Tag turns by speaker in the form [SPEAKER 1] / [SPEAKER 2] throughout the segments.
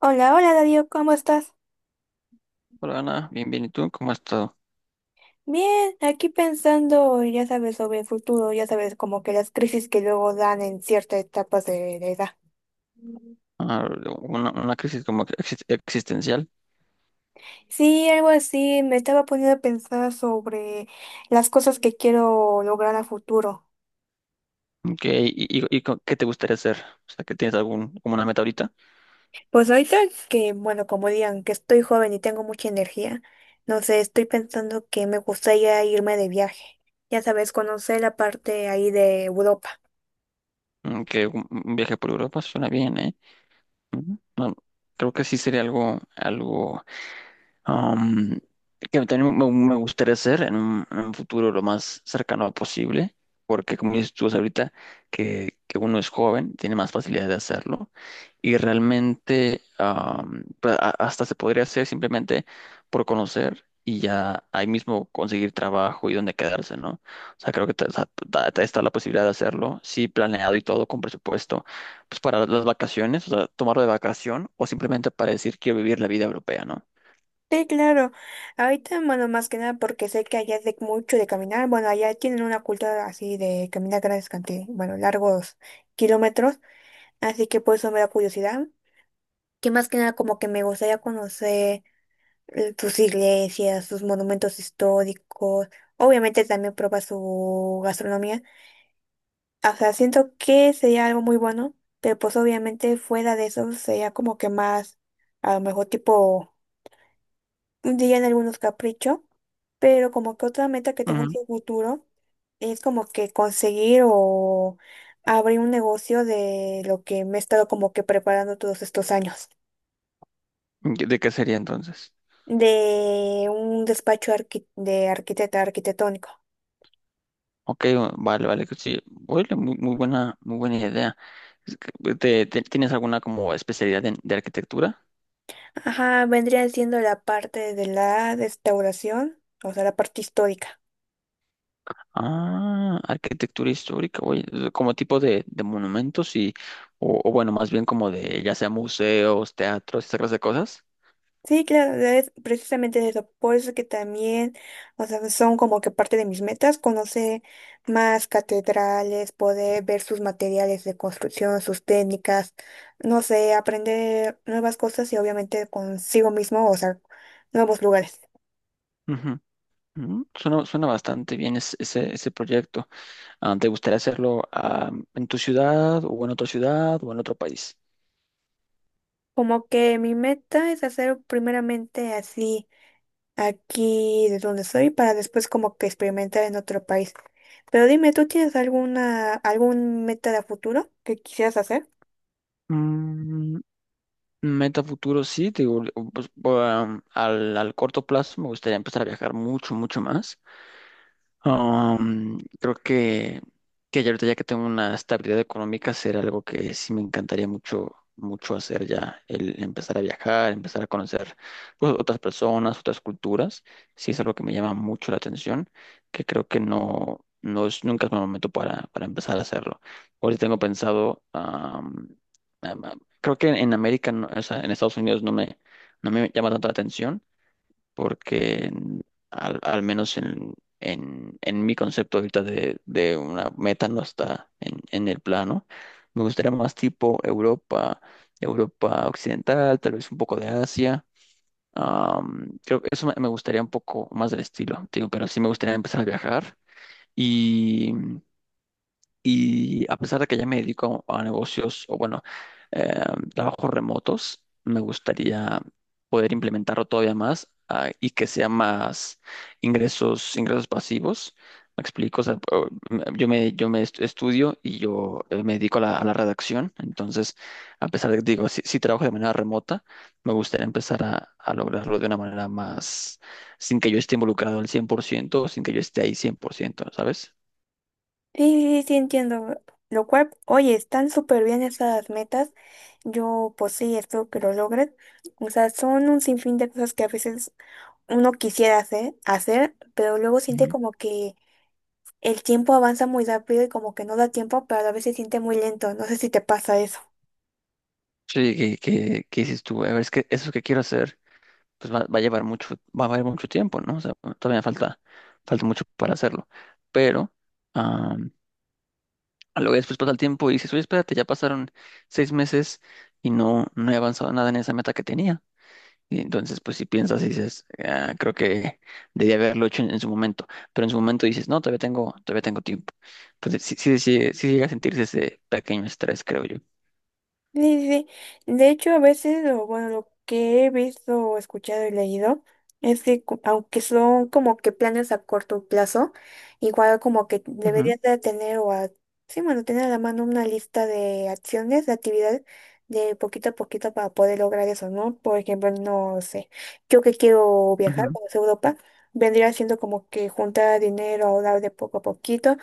[SPEAKER 1] Hola, hola Darío, ¿cómo estás?
[SPEAKER 2] Hola Ana, bien, bien. ¿Y tú? ¿Cómo has estado?
[SPEAKER 1] Bien, aquí pensando, ya sabes, sobre el futuro, ya sabes, como que las crisis que luego dan en ciertas etapas de la edad.
[SPEAKER 2] Ah, una crisis como que existencial.
[SPEAKER 1] Sí, algo así, me estaba poniendo a pensar sobre las cosas que quiero lograr a futuro.
[SPEAKER 2] Ok, qué te gustaría hacer? O sea, que tienes algún, como una meta ahorita.
[SPEAKER 1] Pues ahorita que, bueno, como digan, que estoy joven y tengo mucha energía, no sé, estoy pensando que me gustaría irme de viaje, ya sabes, conocer la parte ahí de Europa.
[SPEAKER 2] Mm, que un viaje por Europa suena bien, ¿eh? Ujú. No, creo que sí sería algo, algo um, que también me gustaría hacer en un futuro lo más cercano posible, porque como dices tú ahorita, que uno es joven, tiene más facilidad de hacerlo, y realmente pues, hasta se podría hacer simplemente por conocer y ya ahí mismo conseguir trabajo y dónde quedarse, ¿no? O sea, creo que está la posibilidad de hacerlo, sí, planeado y todo con presupuesto, pues para las vacaciones, o sea, tomarlo de vacación o simplemente para decir quiero vivir la vida europea, ¿no?
[SPEAKER 1] Sí, claro. Ahorita, bueno, más que nada porque sé que allá es de mucho de caminar. Bueno, allá tienen una cultura así de caminar grandes cantidades, bueno, largos kilómetros. Así que por eso me da curiosidad. Que más que nada como que me gustaría conocer sus iglesias, sus monumentos históricos. Obviamente también probar su gastronomía. O sea, siento que sería algo muy bueno, pero pues obviamente fuera de eso sería como que más, a lo mejor tipo dirían algunos capricho, pero como que otra meta que tengo en el futuro es como que conseguir o abrir un negocio de lo que me he estado como que preparando todos estos años,
[SPEAKER 2] ¿De qué sería entonces?
[SPEAKER 1] de un despacho arqui- de arquitecta arquitectónico.
[SPEAKER 2] Ok, vale, vale, que sí. Oye, muy, muy buena idea. Es que, tienes alguna como especialidad de arquitectura?
[SPEAKER 1] Ajá, vendría siendo la parte de la restauración, o sea, la parte histórica.
[SPEAKER 2] Ah, arquitectura histórica, oye, como tipo de monumentos y, o bueno, más bien como de, ya sea museos, teatros, esa clase de cosas.
[SPEAKER 1] Sí, claro, es precisamente eso. Por eso que también, o sea, son como que parte de mis metas, conocer más catedrales, poder ver sus materiales de construcción, sus técnicas, no sé, aprender nuevas cosas y obviamente consigo mismo, o sea, nuevos lugares.
[SPEAKER 2] Ujú, ujú. Suena, suena bastante bien ese, ese proyecto. Ah, ¿te gustaría hacerlo ah, en tu ciudad o en otra ciudad o en otro país?
[SPEAKER 1] Como que mi meta es hacer primeramente así aquí de donde soy para después como que experimentar en otro país. Pero dime, ¿tú tienes alguna, algún meta de futuro que quisieras hacer?
[SPEAKER 2] Meta futuro, sí, te digo, pues, al corto plazo me gustaría empezar a viajar mucho, mucho más. Creo que ya ahorita ya que tengo una estabilidad económica, será algo que sí me encantaría mucho, mucho hacer ya, el empezar a viajar, empezar a conocer pues, otras personas, otras culturas, sí es algo que me llama mucho la atención, que creo que no, no es, nunca es mal momento para empezar a hacerlo. Ahorita tengo pensado, creo que en América, o sea, en Estados Unidos no me, no me llama tanto la atención porque al menos en mi concepto ahorita de una meta no está en el plano. Me gustaría más tipo Europa, Europa Occidental, tal vez un poco de Asia. Creo que eso me gustaría un poco más del estilo, te digo, pero sí me gustaría empezar a viajar. Y y a pesar de que ya me dedico a negocios o bueno, eh, trabajos remotos, me gustaría poder implementarlo todavía más ah, y que sea más ingresos, ingresos pasivos. Me explico, o sea, yo me estudio y yo me dedico a la redacción. Entonces, a pesar de que digo, si trabajo de manera remota, me gustaría empezar a lograrlo de una manera más, sin que yo esté involucrado al cien por ciento, sin que yo esté ahí cien por ciento, ¿sabes?
[SPEAKER 1] Sí, sí, sí, entiendo. Lo cual, oye, están súper bien esas metas. Yo, pues sí, espero que lo logres. O sea, son un sinfín de cosas que a veces uno quisiera hacer, pero luego siente como que el tiempo avanza muy rápido y como que no da tiempo, pero a veces siente muy lento. No sé si te pasa eso.
[SPEAKER 2] Sí, que dices tú, a ver, es que eso que quiero hacer, pues va, va a llevar mucho, va a llevar mucho tiempo, ¿no? O sea, todavía falta, falta mucho para hacerlo. Pero am, a lo que después pasa el tiempo y dices, oye, espérate, ya pasaron 6 meses y no, no he avanzado nada en esa meta que tenía. Y entonces, pues si piensas y dices, "Ah, creo que debía haberlo hecho en su momento. Pero en su momento dices, no, todavía tengo tiempo. Entonces, sí, sí, sí, sí llega a sentirse ese pequeño estrés, creo yo.
[SPEAKER 1] Sí, sí, sí. De hecho, a veces, o bueno, lo que he visto, o escuchado y leído, es que aunque son como que planes a corto plazo, igual como que
[SPEAKER 2] Ujú,
[SPEAKER 1] deberías de tener o a, sí, bueno, tener a la mano una lista de acciones, de actividades de poquito a poquito para poder lograr eso, ¿no? Por ejemplo, no sé, yo que quiero viajar,
[SPEAKER 2] ujú,
[SPEAKER 1] conocer Europa, vendría siendo como que juntar dinero, ahorrar de poco a poquito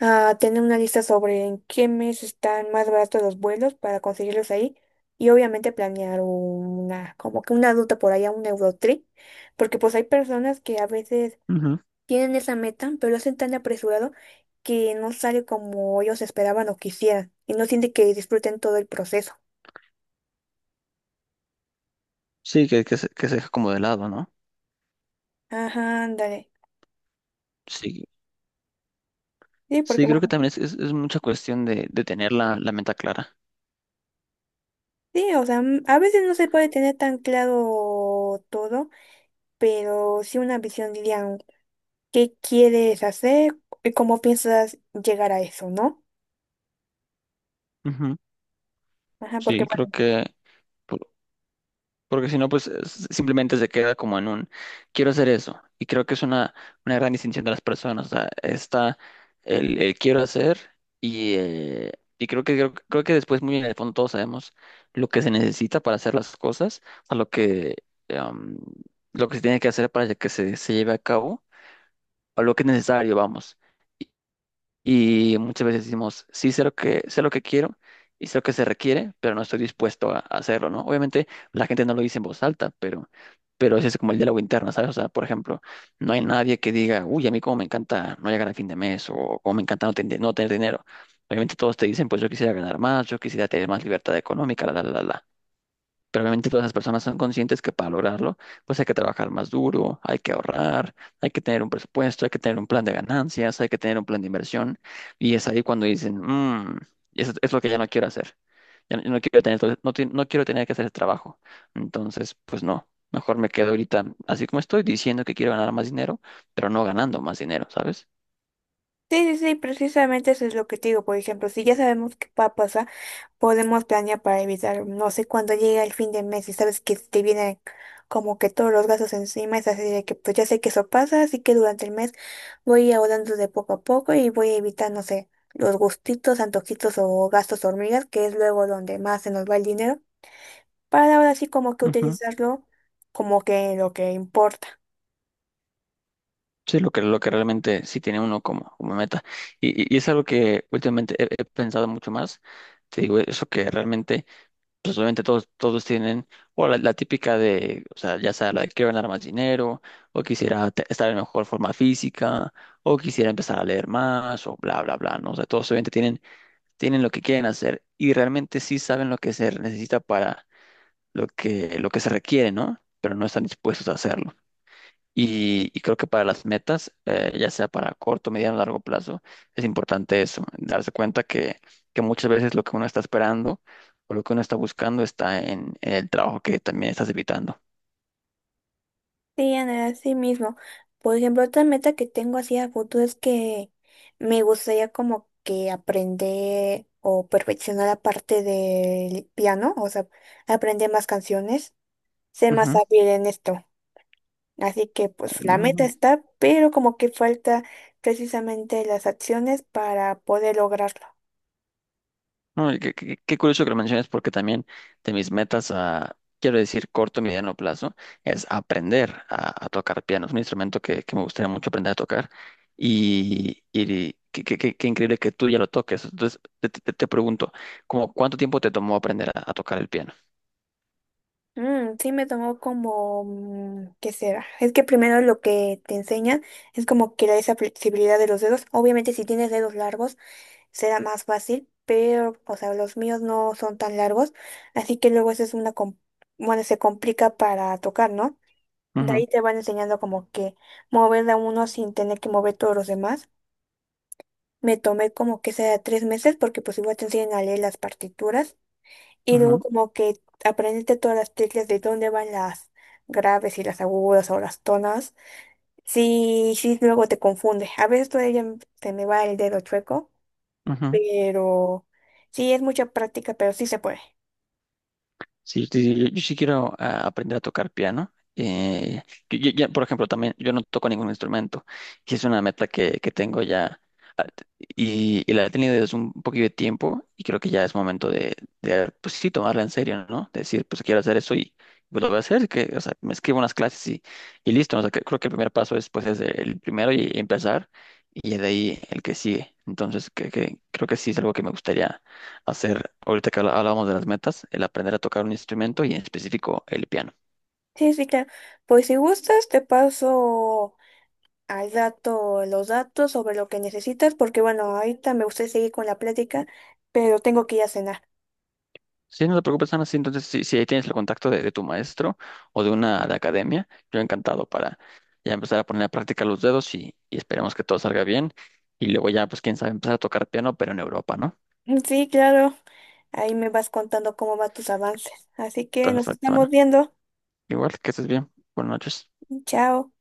[SPEAKER 1] a tener una lista sobre en qué mes están más baratos los vuelos para conseguirlos ahí y obviamente planear una, como que una ruta por allá, un Eurotrip, porque pues hay personas que a veces
[SPEAKER 2] ujú.
[SPEAKER 1] tienen esa meta, pero lo hacen tan apresurado que no sale como ellos esperaban o quisieran y no sienten que disfruten todo el proceso.
[SPEAKER 2] Sí, que se deja como de lado, ¿no?
[SPEAKER 1] Ajá, ándale.
[SPEAKER 2] Sí,
[SPEAKER 1] Sí, porque
[SPEAKER 2] sí, creo que
[SPEAKER 1] bueno,
[SPEAKER 2] también es mucha cuestión de tener la, la meta clara.
[SPEAKER 1] sí, o sea, a veces no se puede tener tan claro todo, pero sí una visión, diría, qué quieres hacer y cómo piensas llegar a eso, ¿no?
[SPEAKER 2] Ujú.
[SPEAKER 1] Ajá, porque
[SPEAKER 2] Sí, creo
[SPEAKER 1] bueno,
[SPEAKER 2] que, por- porque si no, pues simplemente se queda como en un, quiero hacer eso. Y creo que es una gran distinción de las personas. O sea, está el quiero hacer y, eh, y creo que, creo, creo que después muy en el fondo todos sabemos lo que se necesita para hacer las cosas, a lo que, em, lo que se tiene que hacer para que se lleve a cabo o lo que es necesario, vamos. Y muchas veces decimos, sí, sé lo que quiero y sé lo que se requiere, pero no estoy dispuesto a hacerlo, ¿no? Obviamente la gente no lo dice en voz alta, pero ese es como el diálogo interno, ¿sabes? O sea, por ejemplo, no hay nadie que diga, uy, a mí cómo me encanta no llegar a fin de mes o cómo me encanta no, no tener dinero. Obviamente todos te dicen, pues yo quisiera ganar más, yo quisiera tener más libertad económica, la, la, la, la. Pero obviamente todas esas personas son conscientes que para lograrlo, pues hay que trabajar más duro, hay que ahorrar, hay que tener un presupuesto, hay que tener un plan de ganancias, hay que tener un plan de inversión. Y es ahí cuando dicen, "Mm, eso es lo que ya no quiero hacer. Ya no, no quiero tener, no quiero tener que hacer ese trabajo. Entonces, pues no, mejor me quedo ahorita así como estoy, diciendo que quiero ganar más dinero, pero no ganando más dinero, ¿sabes?
[SPEAKER 1] sí, sí, sí, precisamente eso es lo que te digo. Por ejemplo, si ya sabemos qué va a pasar, podemos planear para evitar, no sé, cuando llega el fin de mes y sabes que te vienen como que todos los gastos encima, es así de que pues ya sé que eso pasa, así que durante el mes voy ahorrando de poco a poco y voy a evitar, no sé, los gustitos, antojitos o gastos hormigas, que es luego donde más se nos va el dinero, para ahora sí como que utilizarlo como que lo que importa.
[SPEAKER 2] Sí, lo que realmente sí tiene uno como, como meta. Y es algo que últimamente he, he pensado mucho más. Te digo, eso que realmente, pues obviamente todos, todos tienen, o la típica de, o sea, ya sea la de quiero ganar más dinero, o quisiera estar en mejor forma física, o quisiera empezar a leer más, o bla, bla, bla, ¿no? O sea, todos obviamente tienen, tienen lo que quieren hacer y realmente sí saben lo que se necesita para lo que se requiere, ¿no? Pero no están dispuestos a hacerlo. Y creo que para las metas, ya sea para corto, mediano o largo plazo, es importante eso, darse cuenta que muchas veces lo que uno está esperando o lo que uno está buscando está en el trabajo que también estás evitando.
[SPEAKER 1] Sí, Ana, así mismo. Por ejemplo, otra meta que tengo así a futuro es que me gustaría como que aprender o perfeccionar la parte del piano, o sea, aprender más canciones, ser más hábil en esto. Así que pues la meta
[SPEAKER 2] Ujú.
[SPEAKER 1] está, pero como que falta precisamente las acciones para poder lograrlo.
[SPEAKER 2] No, y qué, qué curioso que lo menciones porque también de mis metas a, quiero decir, corto y mediano plazo, es aprender a tocar piano. Es un instrumento que me gustaría mucho aprender a tocar y qué, qué increíble que tú ya lo toques. Entonces, te, te pregunto, ¿cómo cuánto tiempo te tomó aprender a tocar el piano?
[SPEAKER 1] Sí, me tomó como, ¿qué será? Es que primero lo que te enseñan es como que esa flexibilidad de los dedos. Obviamente si tienes dedos largos, será más fácil, pero, o sea, los míos no son tan largos, así que luego eso es una, bueno, se complica para tocar, ¿no? De
[SPEAKER 2] Ujú,
[SPEAKER 1] ahí te van enseñando como que mover a uno sin tener que mover todos los demás. Me tomé como que sea 3 meses porque pues igual te enseñan a leer las partituras y luego
[SPEAKER 2] ujú,
[SPEAKER 1] como que aprendiste todas las teclas de dónde van las graves y las agudas o las tonas. Sí, sí, luego te confunde. A veces todavía se me va el dedo chueco.
[SPEAKER 2] ujú.
[SPEAKER 1] Pero sí, es mucha práctica, pero sí se puede.
[SPEAKER 2] Sí, sí, sí, yo sí quiero ah, aprender a tocar piano. Yo ya, por ejemplo, también yo no toco ningún instrumento y es una meta que tengo ya y la he tenido desde un poquito de tiempo y creo que ya es momento de, pues sí, tomarla en serio, ¿no? De decir, pues quiero hacer eso y pues lo voy a hacer, que, o sea, me escribo unas clases y listo, ¿no? O sea, que creo que el primer paso es, pues, es el primero y empezar y de ahí el que sigue. Entonces, que creo que sí es algo que me gustaría hacer ahorita que hablábamos de las metas, el aprender a tocar un instrumento y en específico el piano.
[SPEAKER 1] Sí, sí, claro. Pues si gustas, te paso al dato, los datos sobre lo que necesitas, porque bueno, ahorita me gustaría seguir con la plática, pero tengo que ir a cenar.
[SPEAKER 2] Sí, no te preocupes, Ana. Sí, entonces, si ahí tienes el contacto de tu maestro o de una de academia, yo encantado para ya empezar a poner a práctica los dedos y esperemos que todo salga bien. Y luego ya, pues quién sabe, empezar a tocar piano, pero en Europa, ¿no?
[SPEAKER 1] Sí, claro. Ahí me vas contando cómo van tus avances. Así que nos
[SPEAKER 2] Perfecto,
[SPEAKER 1] estamos
[SPEAKER 2] Ana.
[SPEAKER 1] viendo.
[SPEAKER 2] Igual, que estés bien. Buenas noches.
[SPEAKER 1] Chao.